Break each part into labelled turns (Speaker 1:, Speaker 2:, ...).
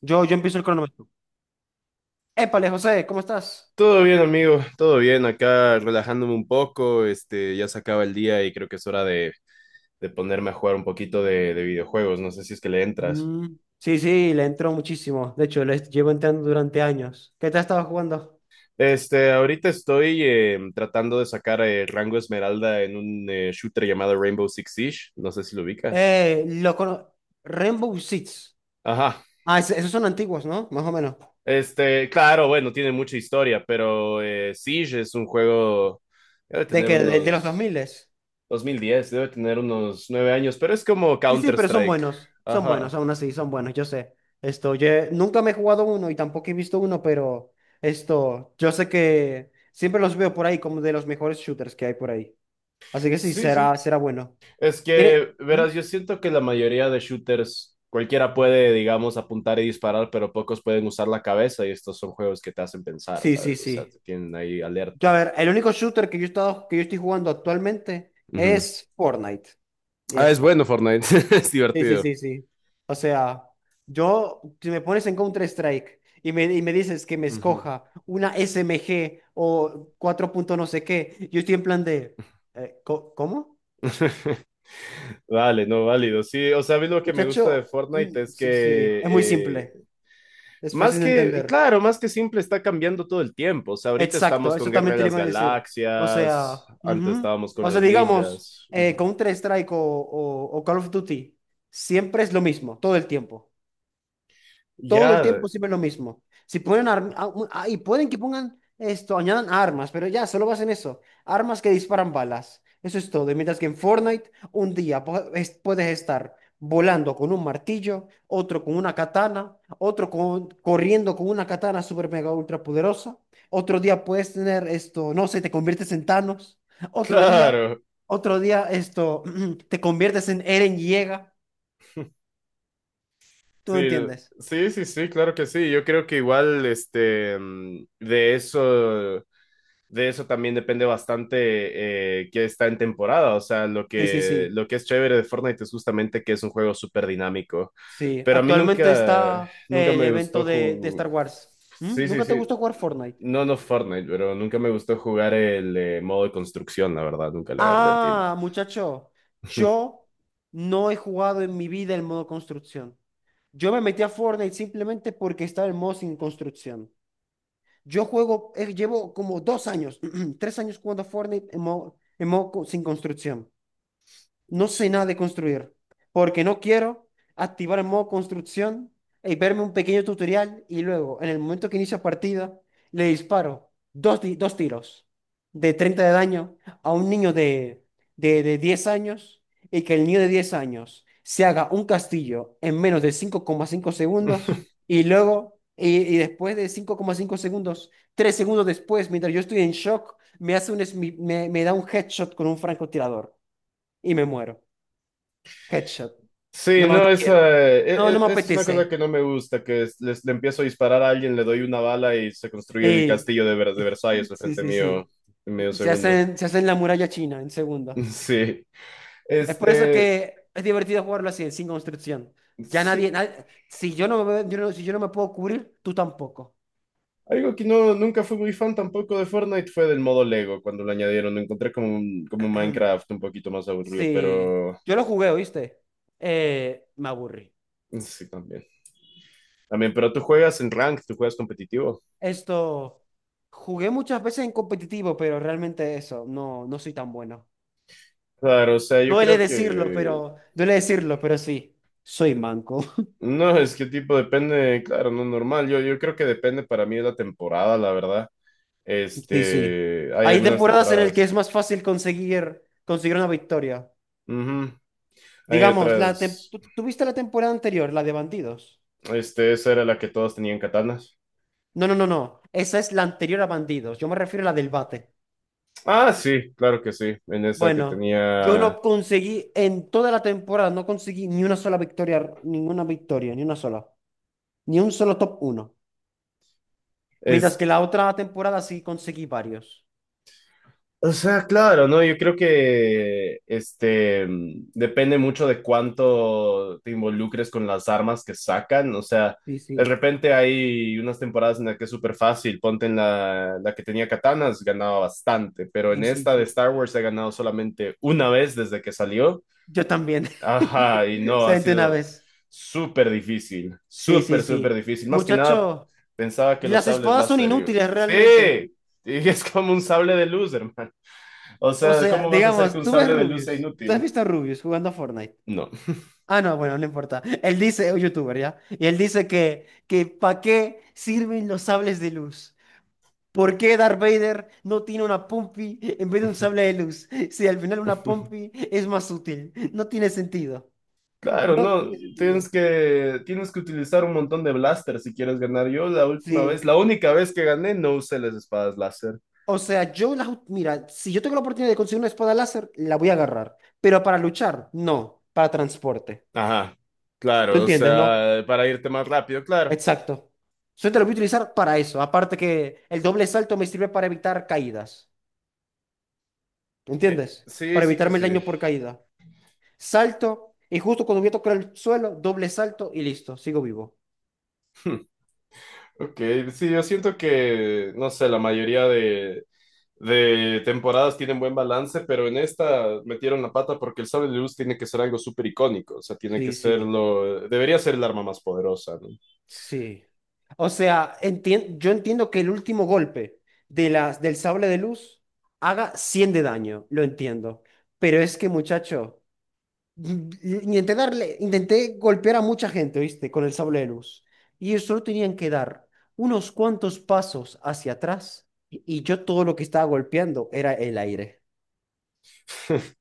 Speaker 1: Yo empiezo el cronómetro. Épale, José, ¿cómo estás?
Speaker 2: Todo bien, amigo, todo bien, acá relajándome un poco, ya se acaba el día y creo que es hora de ponerme a jugar un poquito de videojuegos, no sé si es que le entras.
Speaker 1: Mm, sí, sí, le entró muchísimo. De hecho, le llevo entrando durante años. ¿Qué te has estado jugando?
Speaker 2: Ahorita estoy tratando de sacar rango esmeralda en un shooter llamado Rainbow Six Siege, no sé si lo ubicas.
Speaker 1: Eh, lo cono- Rainbow Six.
Speaker 2: Ajá,
Speaker 1: Esos son antiguos, ¿no? Más o menos.
Speaker 2: claro, bueno, tiene mucha historia, pero Siege es un juego, debe
Speaker 1: ¿De
Speaker 2: tener
Speaker 1: que ¿De, de los
Speaker 2: unos
Speaker 1: 2000?
Speaker 2: 2010, debe tener unos nueve años, pero es como
Speaker 1: Sí, sí, pero son
Speaker 2: Counter-Strike.
Speaker 1: buenos. Son buenos,
Speaker 2: Ajá.
Speaker 1: aún así, son buenos, yo sé. Esto, nunca me he jugado uno y tampoco he visto uno, pero esto, yo sé que siempre los veo por ahí como de los mejores shooters que hay por ahí. Así que sí,
Speaker 2: Sí, sí.
Speaker 1: será, será bueno.
Speaker 2: Es que,
Speaker 1: ¿Mm?
Speaker 2: verás, yo siento que la mayoría de shooters, cualquiera puede, digamos, apuntar y disparar, pero pocos pueden usar la cabeza y estos son juegos que te hacen pensar,
Speaker 1: Sí, sí,
Speaker 2: ¿sabes? O sea, te
Speaker 1: sí.
Speaker 2: tienen ahí
Speaker 1: Yo, a
Speaker 2: alerta.
Speaker 1: ver, el único shooter que yo he estado, que yo estoy jugando actualmente
Speaker 2: Ujú.
Speaker 1: es Fortnite. Y ya
Speaker 2: Ah, es
Speaker 1: está.
Speaker 2: bueno Fortnite, es
Speaker 1: Sí, sí,
Speaker 2: divertido.
Speaker 1: sí, sí. O sea, yo, si me pones en Counter-Strike y y me dices que me
Speaker 2: Ujú.
Speaker 1: escoja una SMG o 4 punto no sé qué, yo estoy en plan de, ¿cómo?
Speaker 2: Vale, no, válido. Sí, o sea, a mí lo que me gusta de
Speaker 1: Muchacho,
Speaker 2: Fortnite
Speaker 1: mm,
Speaker 2: es que,
Speaker 1: sí, sí, es muy simple, es
Speaker 2: más
Speaker 1: fácil de
Speaker 2: que, y
Speaker 1: entender.
Speaker 2: claro, más que simple, está cambiando todo el tiempo. O sea, ahorita
Speaker 1: Exacto,
Speaker 2: estamos con
Speaker 1: eso
Speaker 2: Guerra
Speaker 1: también
Speaker 2: de
Speaker 1: te lo
Speaker 2: las
Speaker 1: iba a decir. O
Speaker 2: Galaxias,
Speaker 1: sea,
Speaker 2: antes
Speaker 1: ujú.
Speaker 2: estábamos con
Speaker 1: O sea,
Speaker 2: los
Speaker 1: digamos,
Speaker 2: ninjas. Ujú.
Speaker 1: Counter-Strike o Call of Duty, siempre es lo mismo, todo el tiempo. Todo el
Speaker 2: Ya,
Speaker 1: tiempo siempre lo mismo. Si ponen y pueden que pongan esto, añadan armas, pero ya, solo basen eso. Armas que disparan balas. Eso es todo. Y mientras que en Fortnite, un día puedes estar volando con un martillo, otro con una katana, corriendo con una katana super mega ultra poderosa. Otro día puedes tener esto, no sé, te conviertes en Thanos. Otro día,
Speaker 2: claro.
Speaker 1: otro día esto, te conviertes en Eren Yeager. ¿Tú
Speaker 2: Sí,
Speaker 1: entiendes?
Speaker 2: sí, sí, sí, claro que sí. Yo creo que igual, de eso también depende bastante que está en temporada. O sea, lo
Speaker 1: Sí, sí,
Speaker 2: que,
Speaker 1: sí.
Speaker 2: lo que es chévere de Fortnite es justamente que es un juego súper dinámico.
Speaker 1: Sí,
Speaker 2: Pero a mí
Speaker 1: actualmente
Speaker 2: nunca,
Speaker 1: está
Speaker 2: nunca
Speaker 1: el
Speaker 2: me gustó
Speaker 1: evento de Star Wars. ¿Mm?
Speaker 2: Sí, sí,
Speaker 1: ¿Nunca te
Speaker 2: sí.
Speaker 1: gustó jugar Fortnite?
Speaker 2: No, no Fortnite, pero nunca me gustó jugar el modo de construcción, la verdad. Nunca le agarré el tiro.
Speaker 1: Ah, muchacho, yo no he jugado en mi vida el modo construcción. Yo me metí a Fortnite simplemente porque estaba el modo sin construcción. Yo juego, llevo como 2 años, 3 años jugando a Fortnite en modo, sin construcción. No sé nada de construir, porque no quiero activar el modo construcción y verme un pequeño tutorial y luego, en el momento que inicio partida, le disparo dos tiros de 30 de daño a un niño de 10 años y que el niño de 10 años se haga un castillo en menos de 5,5 segundos y después de 5,5 segundos, 3 segundos después, mientras yo estoy en shock, me hace un, smi- me me da un headshot con un francotirador y me muero. Headshot.
Speaker 2: Sí,
Speaker 1: No,
Speaker 2: no,
Speaker 1: no
Speaker 2: esa,
Speaker 1: quiero.
Speaker 2: e-
Speaker 1: No,
Speaker 2: e-
Speaker 1: no me
Speaker 2: esa es una cosa
Speaker 1: apetece.
Speaker 2: que no me gusta, que le empiezo a disparar a alguien, le doy una bala y se construye el
Speaker 1: Y
Speaker 2: castillo de Versalles al
Speaker 1: sí,
Speaker 2: frente
Speaker 1: sí,
Speaker 2: mío
Speaker 1: sí.
Speaker 2: en medio
Speaker 1: Se
Speaker 2: segundo.
Speaker 1: hacen, se hacen la muralla china en segundos.
Speaker 2: Sí,
Speaker 1: Es por eso
Speaker 2: este,
Speaker 1: que es divertido jugarlo así, sin construcción. Ya nadie,
Speaker 2: sí,
Speaker 1: nadie- Si yo no me puedo cubrir, tú tampoco.
Speaker 2: algo que no, nunca fui muy fan tampoco de Fortnite fue del modo Lego cuando lo añadieron, lo encontré como, como un Minecraft un poquito más aburrido,
Speaker 1: Sí.
Speaker 2: pero
Speaker 1: Yo lo jugué, ¿oíste? Me aburrí.
Speaker 2: sí, también. También, pero tú juegas en rank, tú juegas competitivo.
Speaker 1: Esto, jugué muchas veces en competitivo, pero realmente eso, no, no soy tan bueno.
Speaker 2: Claro, o sea,
Speaker 1: No
Speaker 2: yo
Speaker 1: duele
Speaker 2: creo
Speaker 1: decirlo,
Speaker 2: que,
Speaker 1: pero, duele decirlo, pero sí, soy manco.
Speaker 2: no, es que tipo depende, claro, no normal. Yo creo que depende para mí de la temporada, la verdad.
Speaker 1: Sí, sí.
Speaker 2: Hay
Speaker 1: Hay
Speaker 2: algunas
Speaker 1: temporadas en el que es
Speaker 2: temporadas.
Speaker 1: más fácil conseguir, conseguir una victoria.
Speaker 2: Ujú. Hay
Speaker 1: Digamos, la tem-
Speaker 2: otras.
Speaker 1: ¿tú, tú viste la temporada anterior, la de Bandidos?
Speaker 2: Esa era la que todos tenían katanas.
Speaker 1: No, no, no, no. Esa es la anterior a Bandidos. Yo me refiero a la del bate.
Speaker 2: Ah, sí, claro que sí. En esa que
Speaker 1: Bueno, yo
Speaker 2: tenía.
Speaker 1: no conseguí, en toda la temporada, no conseguí ni una sola victoria, ninguna victoria, ni una sola. Ni un solo top uno. Mientras
Speaker 2: Es
Speaker 1: que la otra temporada sí conseguí varios.
Speaker 2: O sea, claro, ¿no? Yo creo que depende mucho de cuánto te involucres con las armas que sacan. O sea,
Speaker 1: Sí,
Speaker 2: de
Speaker 1: sí,
Speaker 2: repente hay unas temporadas en las que es súper fácil. Ponte en la que tenía katanas, ganaba bastante. Pero en
Speaker 1: sí, sí,
Speaker 2: esta de
Speaker 1: sí.
Speaker 2: Star Wars he ganado solamente una vez desde que salió.
Speaker 1: Yo también.
Speaker 2: Ajá, y no, ha
Speaker 1: Solamente una
Speaker 2: sido
Speaker 1: vez.
Speaker 2: súper difícil.
Speaker 1: Sí, sí,
Speaker 2: Súper, súper
Speaker 1: sí.
Speaker 2: difícil. Más que nada,
Speaker 1: Muchacho.
Speaker 2: pensaba que los
Speaker 1: Las
Speaker 2: sables
Speaker 1: espadas son
Speaker 2: láser.
Speaker 1: inútiles realmente.
Speaker 2: Sí, y es como un sable de luz, hermano. O
Speaker 1: O
Speaker 2: sea,
Speaker 1: sea,
Speaker 2: ¿cómo vas a hacer que
Speaker 1: digamos,
Speaker 2: un
Speaker 1: tú ves
Speaker 2: sable de luz sea
Speaker 1: Rubius. ¿Tú has
Speaker 2: inútil?
Speaker 1: visto a Rubius jugando a Fortnite?
Speaker 2: No.
Speaker 1: Ah, no, bueno, no importa. Él dice, un youtuber, ¿ya? Y él dice que ¿para qué sirven los sables de luz? ¿Por qué Darth Vader no tiene una Pompi en vez de un sable de luz? Si al final una Pompi es más útil. No tiene sentido.
Speaker 2: Claro,
Speaker 1: No
Speaker 2: no,
Speaker 1: tiene sentido.
Speaker 2: tienes que utilizar un montón de blaster si quieres ganar. Yo la última vez,
Speaker 1: Sí.
Speaker 2: la única vez que gané, no usé las espadas láser.
Speaker 1: O sea, mira, si yo tengo la oportunidad de conseguir una espada láser, la voy a agarrar. Pero para luchar, no. Para transporte.
Speaker 2: Ajá,
Speaker 1: ¿Tú
Speaker 2: claro, o
Speaker 1: entiendes, no?
Speaker 2: sea, para irte más rápido, claro.
Speaker 1: Exacto. Yo te lo voy a utilizar para eso. Aparte que el doble salto me sirve para evitar caídas. ¿Entiendes?
Speaker 2: Sí,
Speaker 1: Para
Speaker 2: sí que
Speaker 1: evitarme el
Speaker 2: sí.
Speaker 1: daño por caída. Salto y justo cuando voy a tocar el suelo, doble salto y listo, sigo vivo.
Speaker 2: Ok, sí, yo siento que, no sé, la mayoría de temporadas tienen buen balance, pero en esta metieron la pata porque el sable de luz tiene que ser algo súper icónico, o sea, tiene que
Speaker 1: Sí,
Speaker 2: ser
Speaker 1: sí,
Speaker 2: lo, debería ser el arma más poderosa, ¿no?
Speaker 1: sí. O sea, yo entiendo que el último golpe de las del sable de luz haga 100 de daño, lo entiendo. Pero es que, muchacho, intenté golpear a mucha gente, ¿viste? Con el sable de luz. Y ellos solo tenían que dar unos cuantos pasos hacia atrás. Y yo todo lo que estaba golpeando era el aire.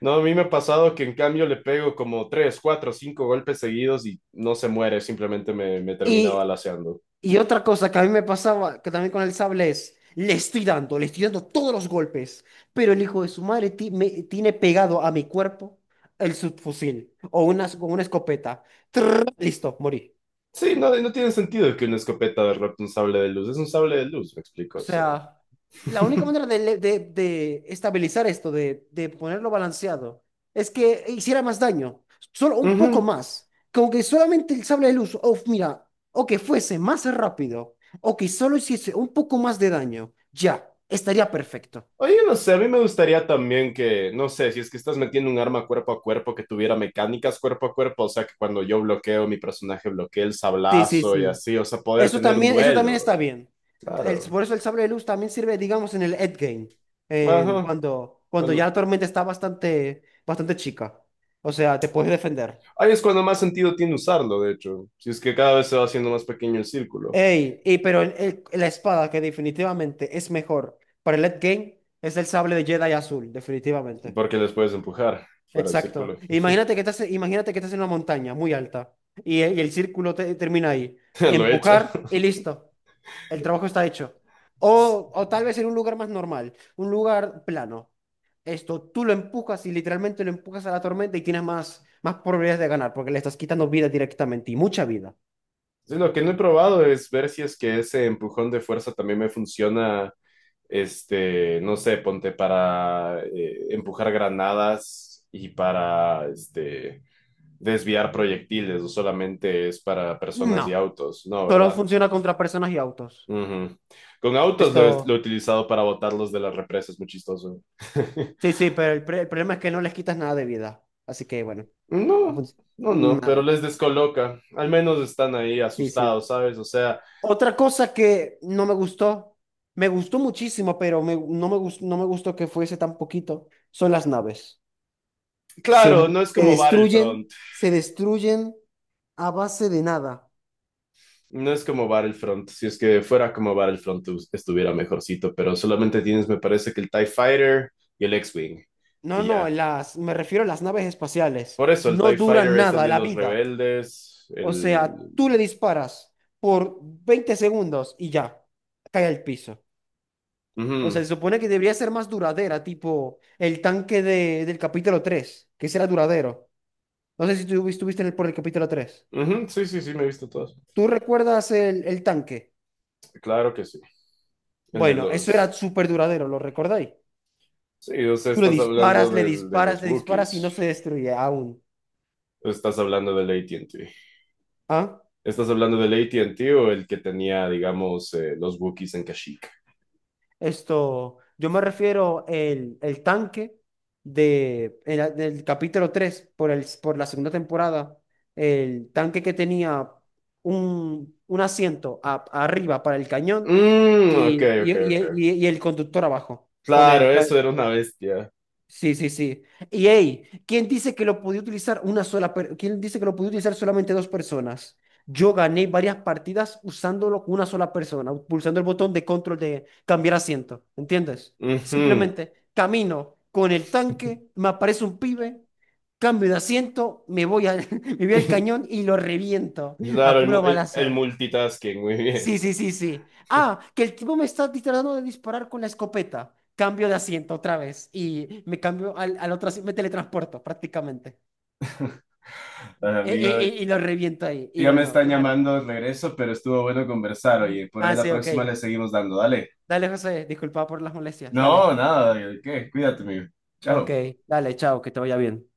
Speaker 2: No, a mí me ha pasado que en cambio le pego como tres, cuatro, cinco golpes seguidos y no se muere, simplemente me termina
Speaker 1: Y,
Speaker 2: balaceando.
Speaker 1: y otra cosa que a mí me pasaba, que también con el sable es, le estoy dando todos los golpes. Pero el hijo de su madre tiene pegado a mi cuerpo el subfusil o una escopeta. Trrr, listo, morí.
Speaker 2: Sí, no, no tiene sentido que una escopeta derrote un sable de luz. Es un sable de luz, me explico.
Speaker 1: O
Speaker 2: O sea.
Speaker 1: sea, la única manera de estabilizar esto, de ponerlo balanceado, es que hiciera más daño, solo un poco
Speaker 2: Ujú.
Speaker 1: más. Como que solamente el sable de luz, o mira, o que fuese más rápido, o que solo hiciese un poco más de daño, ya, estaría perfecto.
Speaker 2: Oye, no sé, a mí me gustaría también que, no sé, si es que estás metiendo un arma cuerpo a cuerpo que tuviera mecánicas cuerpo a cuerpo, o sea, que cuando yo bloqueo, mi personaje bloquee el
Speaker 1: Sí, sí,
Speaker 2: sablazo y
Speaker 1: sí.
Speaker 2: así, o sea, poder tener un
Speaker 1: Eso también
Speaker 2: duelo.
Speaker 1: está bien. El-
Speaker 2: Claro.
Speaker 1: por eso el sable de luz también sirve, digamos, en el endgame,
Speaker 2: Ajá.
Speaker 1: cuando ya
Speaker 2: Bueno,
Speaker 1: la tormenta está bastante, bastante chica. O sea, te puedes defender.
Speaker 2: ahí es cuando más sentido tiene usarlo, de hecho. Si es que cada vez se va haciendo más pequeño el círculo,
Speaker 1: Ey, pero la espada que definitivamente es mejor para el endgame es el sable de Jedi azul, definitivamente.
Speaker 2: porque les puedes empujar fuera del
Speaker 1: Exacto.
Speaker 2: círculo.
Speaker 1: Imagínate que estás en una montaña muy alta y el círculo termina ahí.
Speaker 2: Lo he hecho.
Speaker 1: Empujar y listo. El trabajo está hecho. O tal vez en un lugar más normal, un lugar plano. Esto, tú lo empujas y literalmente lo empujas a la tormenta y tienes más probabilidades de ganar porque le estás quitando vida directamente y mucha vida.
Speaker 2: Sí, lo que no he probado es ver si es que ese empujón de fuerza también me funciona, no sé, ponte para empujar granadas y para, desviar proyectiles, o solamente es para personas
Speaker 1: No,
Speaker 2: y autos, ¿no?
Speaker 1: solo
Speaker 2: ¿Verdad?
Speaker 1: funciona contra personas y autos.
Speaker 2: Ujú. Con autos lo he
Speaker 1: Esto,
Speaker 2: utilizado para botarlos de las represas, muy chistoso.
Speaker 1: sí, sí, pero el problema es que no les quitas nada de vida. Así que bueno, ha
Speaker 2: No,
Speaker 1: func-
Speaker 2: no, no, pero
Speaker 1: nada.
Speaker 2: les descoloca. Al menos están ahí
Speaker 1: Sí, sí.
Speaker 2: asustados, ¿sabes? O sea,
Speaker 1: Otra cosa que no me gustó, me gustó muchísimo, no me gustó, no me gustó que fuese tan poquito, son las naves. Se,
Speaker 2: claro, no
Speaker 1: mu-
Speaker 2: es
Speaker 1: se
Speaker 2: como
Speaker 1: destruyen,
Speaker 2: Battlefront.
Speaker 1: se destruyen, a base de nada.
Speaker 2: No es como Battlefront, si es que fuera como Battlefront estuviera mejorcito, pero solamente tienes, me parece que el TIE Fighter y el X-Wing,
Speaker 1: No,
Speaker 2: y
Speaker 1: no,
Speaker 2: ya.
Speaker 1: me refiero a las naves espaciales.
Speaker 2: Por eso el
Speaker 1: No
Speaker 2: TIE
Speaker 1: duran
Speaker 2: Fighter es el
Speaker 1: nada
Speaker 2: de
Speaker 1: la
Speaker 2: los
Speaker 1: vida.
Speaker 2: rebeldes,
Speaker 1: O sea,
Speaker 2: el...
Speaker 1: tú le disparas por 20 segundos y ya, cae al piso. O sea,
Speaker 2: Ujú,
Speaker 1: se supone que debería ser más duradera, tipo el tanque del capítulo 3, que ese era duradero. No sé si tú estuviste por el capítulo 3.
Speaker 2: ujú, sí, sí, sí, me he visto todos.
Speaker 1: ¿Tú recuerdas el tanque?
Speaker 2: Claro que sí. El de
Speaker 1: Bueno, eso era
Speaker 2: los...
Speaker 1: súper duradero, ¿lo recordáis?
Speaker 2: Sí, o sea,
Speaker 1: Tú le
Speaker 2: estás hablando
Speaker 1: disparas, le
Speaker 2: de
Speaker 1: disparas,
Speaker 2: los
Speaker 1: le disparas y
Speaker 2: Wookiees,
Speaker 1: no se destruye aún.
Speaker 2: estás hablando del AT&T.
Speaker 1: ¿Ah?
Speaker 2: ¿Estás hablando del AT&T o el que tenía, digamos, los Wookiees en Kashyyyk?
Speaker 1: Esto, yo me refiero el tanque del capítulo 3 por la segunda temporada, el tanque que tenía un asiento arriba para el cañón
Speaker 2: Mmm,
Speaker 1: y,
Speaker 2: ok,
Speaker 1: y,
Speaker 2: ok,
Speaker 1: y-
Speaker 2: ok.
Speaker 1: y- y el conductor abajo, con el,
Speaker 2: Claro,
Speaker 1: ca-
Speaker 2: eso era una bestia.
Speaker 1: Sí, sí, sí. Y hey, ¿quién dice que lo podía utilizar ¿Quién dice que lo podía utilizar solamente dos personas? Yo gané varias partidas usándolo con una sola persona, pulsando el botón de control de cambiar asiento, ¿entiendes?
Speaker 2: Ujú.
Speaker 1: Simplemente camino con el tanque, me aparece un pibe, cambio de asiento, me voy al, me voy al cañón y lo reviento a
Speaker 2: Claro, el,
Speaker 1: puro
Speaker 2: mu- el- el
Speaker 1: balazo.
Speaker 2: multitasking, muy bien.
Speaker 1: Sí, sí, sí, sí. Ah, que el tipo me está tratando de disparar con la escopeta. Cambio de asiento otra vez y me cambio al otro asiento, me teletransporto prácticamente.
Speaker 2: Bueno,
Speaker 1: E- y
Speaker 2: amigo,
Speaker 1: Y, lo reviento ahí. Y
Speaker 2: ya me
Speaker 1: bueno,
Speaker 2: están
Speaker 1: yo gané.
Speaker 2: llamando de regreso, pero estuvo bueno conversar, oye. Por ahí
Speaker 1: Ah,
Speaker 2: la
Speaker 1: sí, ok.
Speaker 2: próxima le seguimos dando, dale.
Speaker 1: Dale, José, disculpa por las molestias. Dale.
Speaker 2: No, nada, ¿qué? Cuídate, amigo.
Speaker 1: Ok,
Speaker 2: Chao.
Speaker 1: dale, chao, que te vaya bien.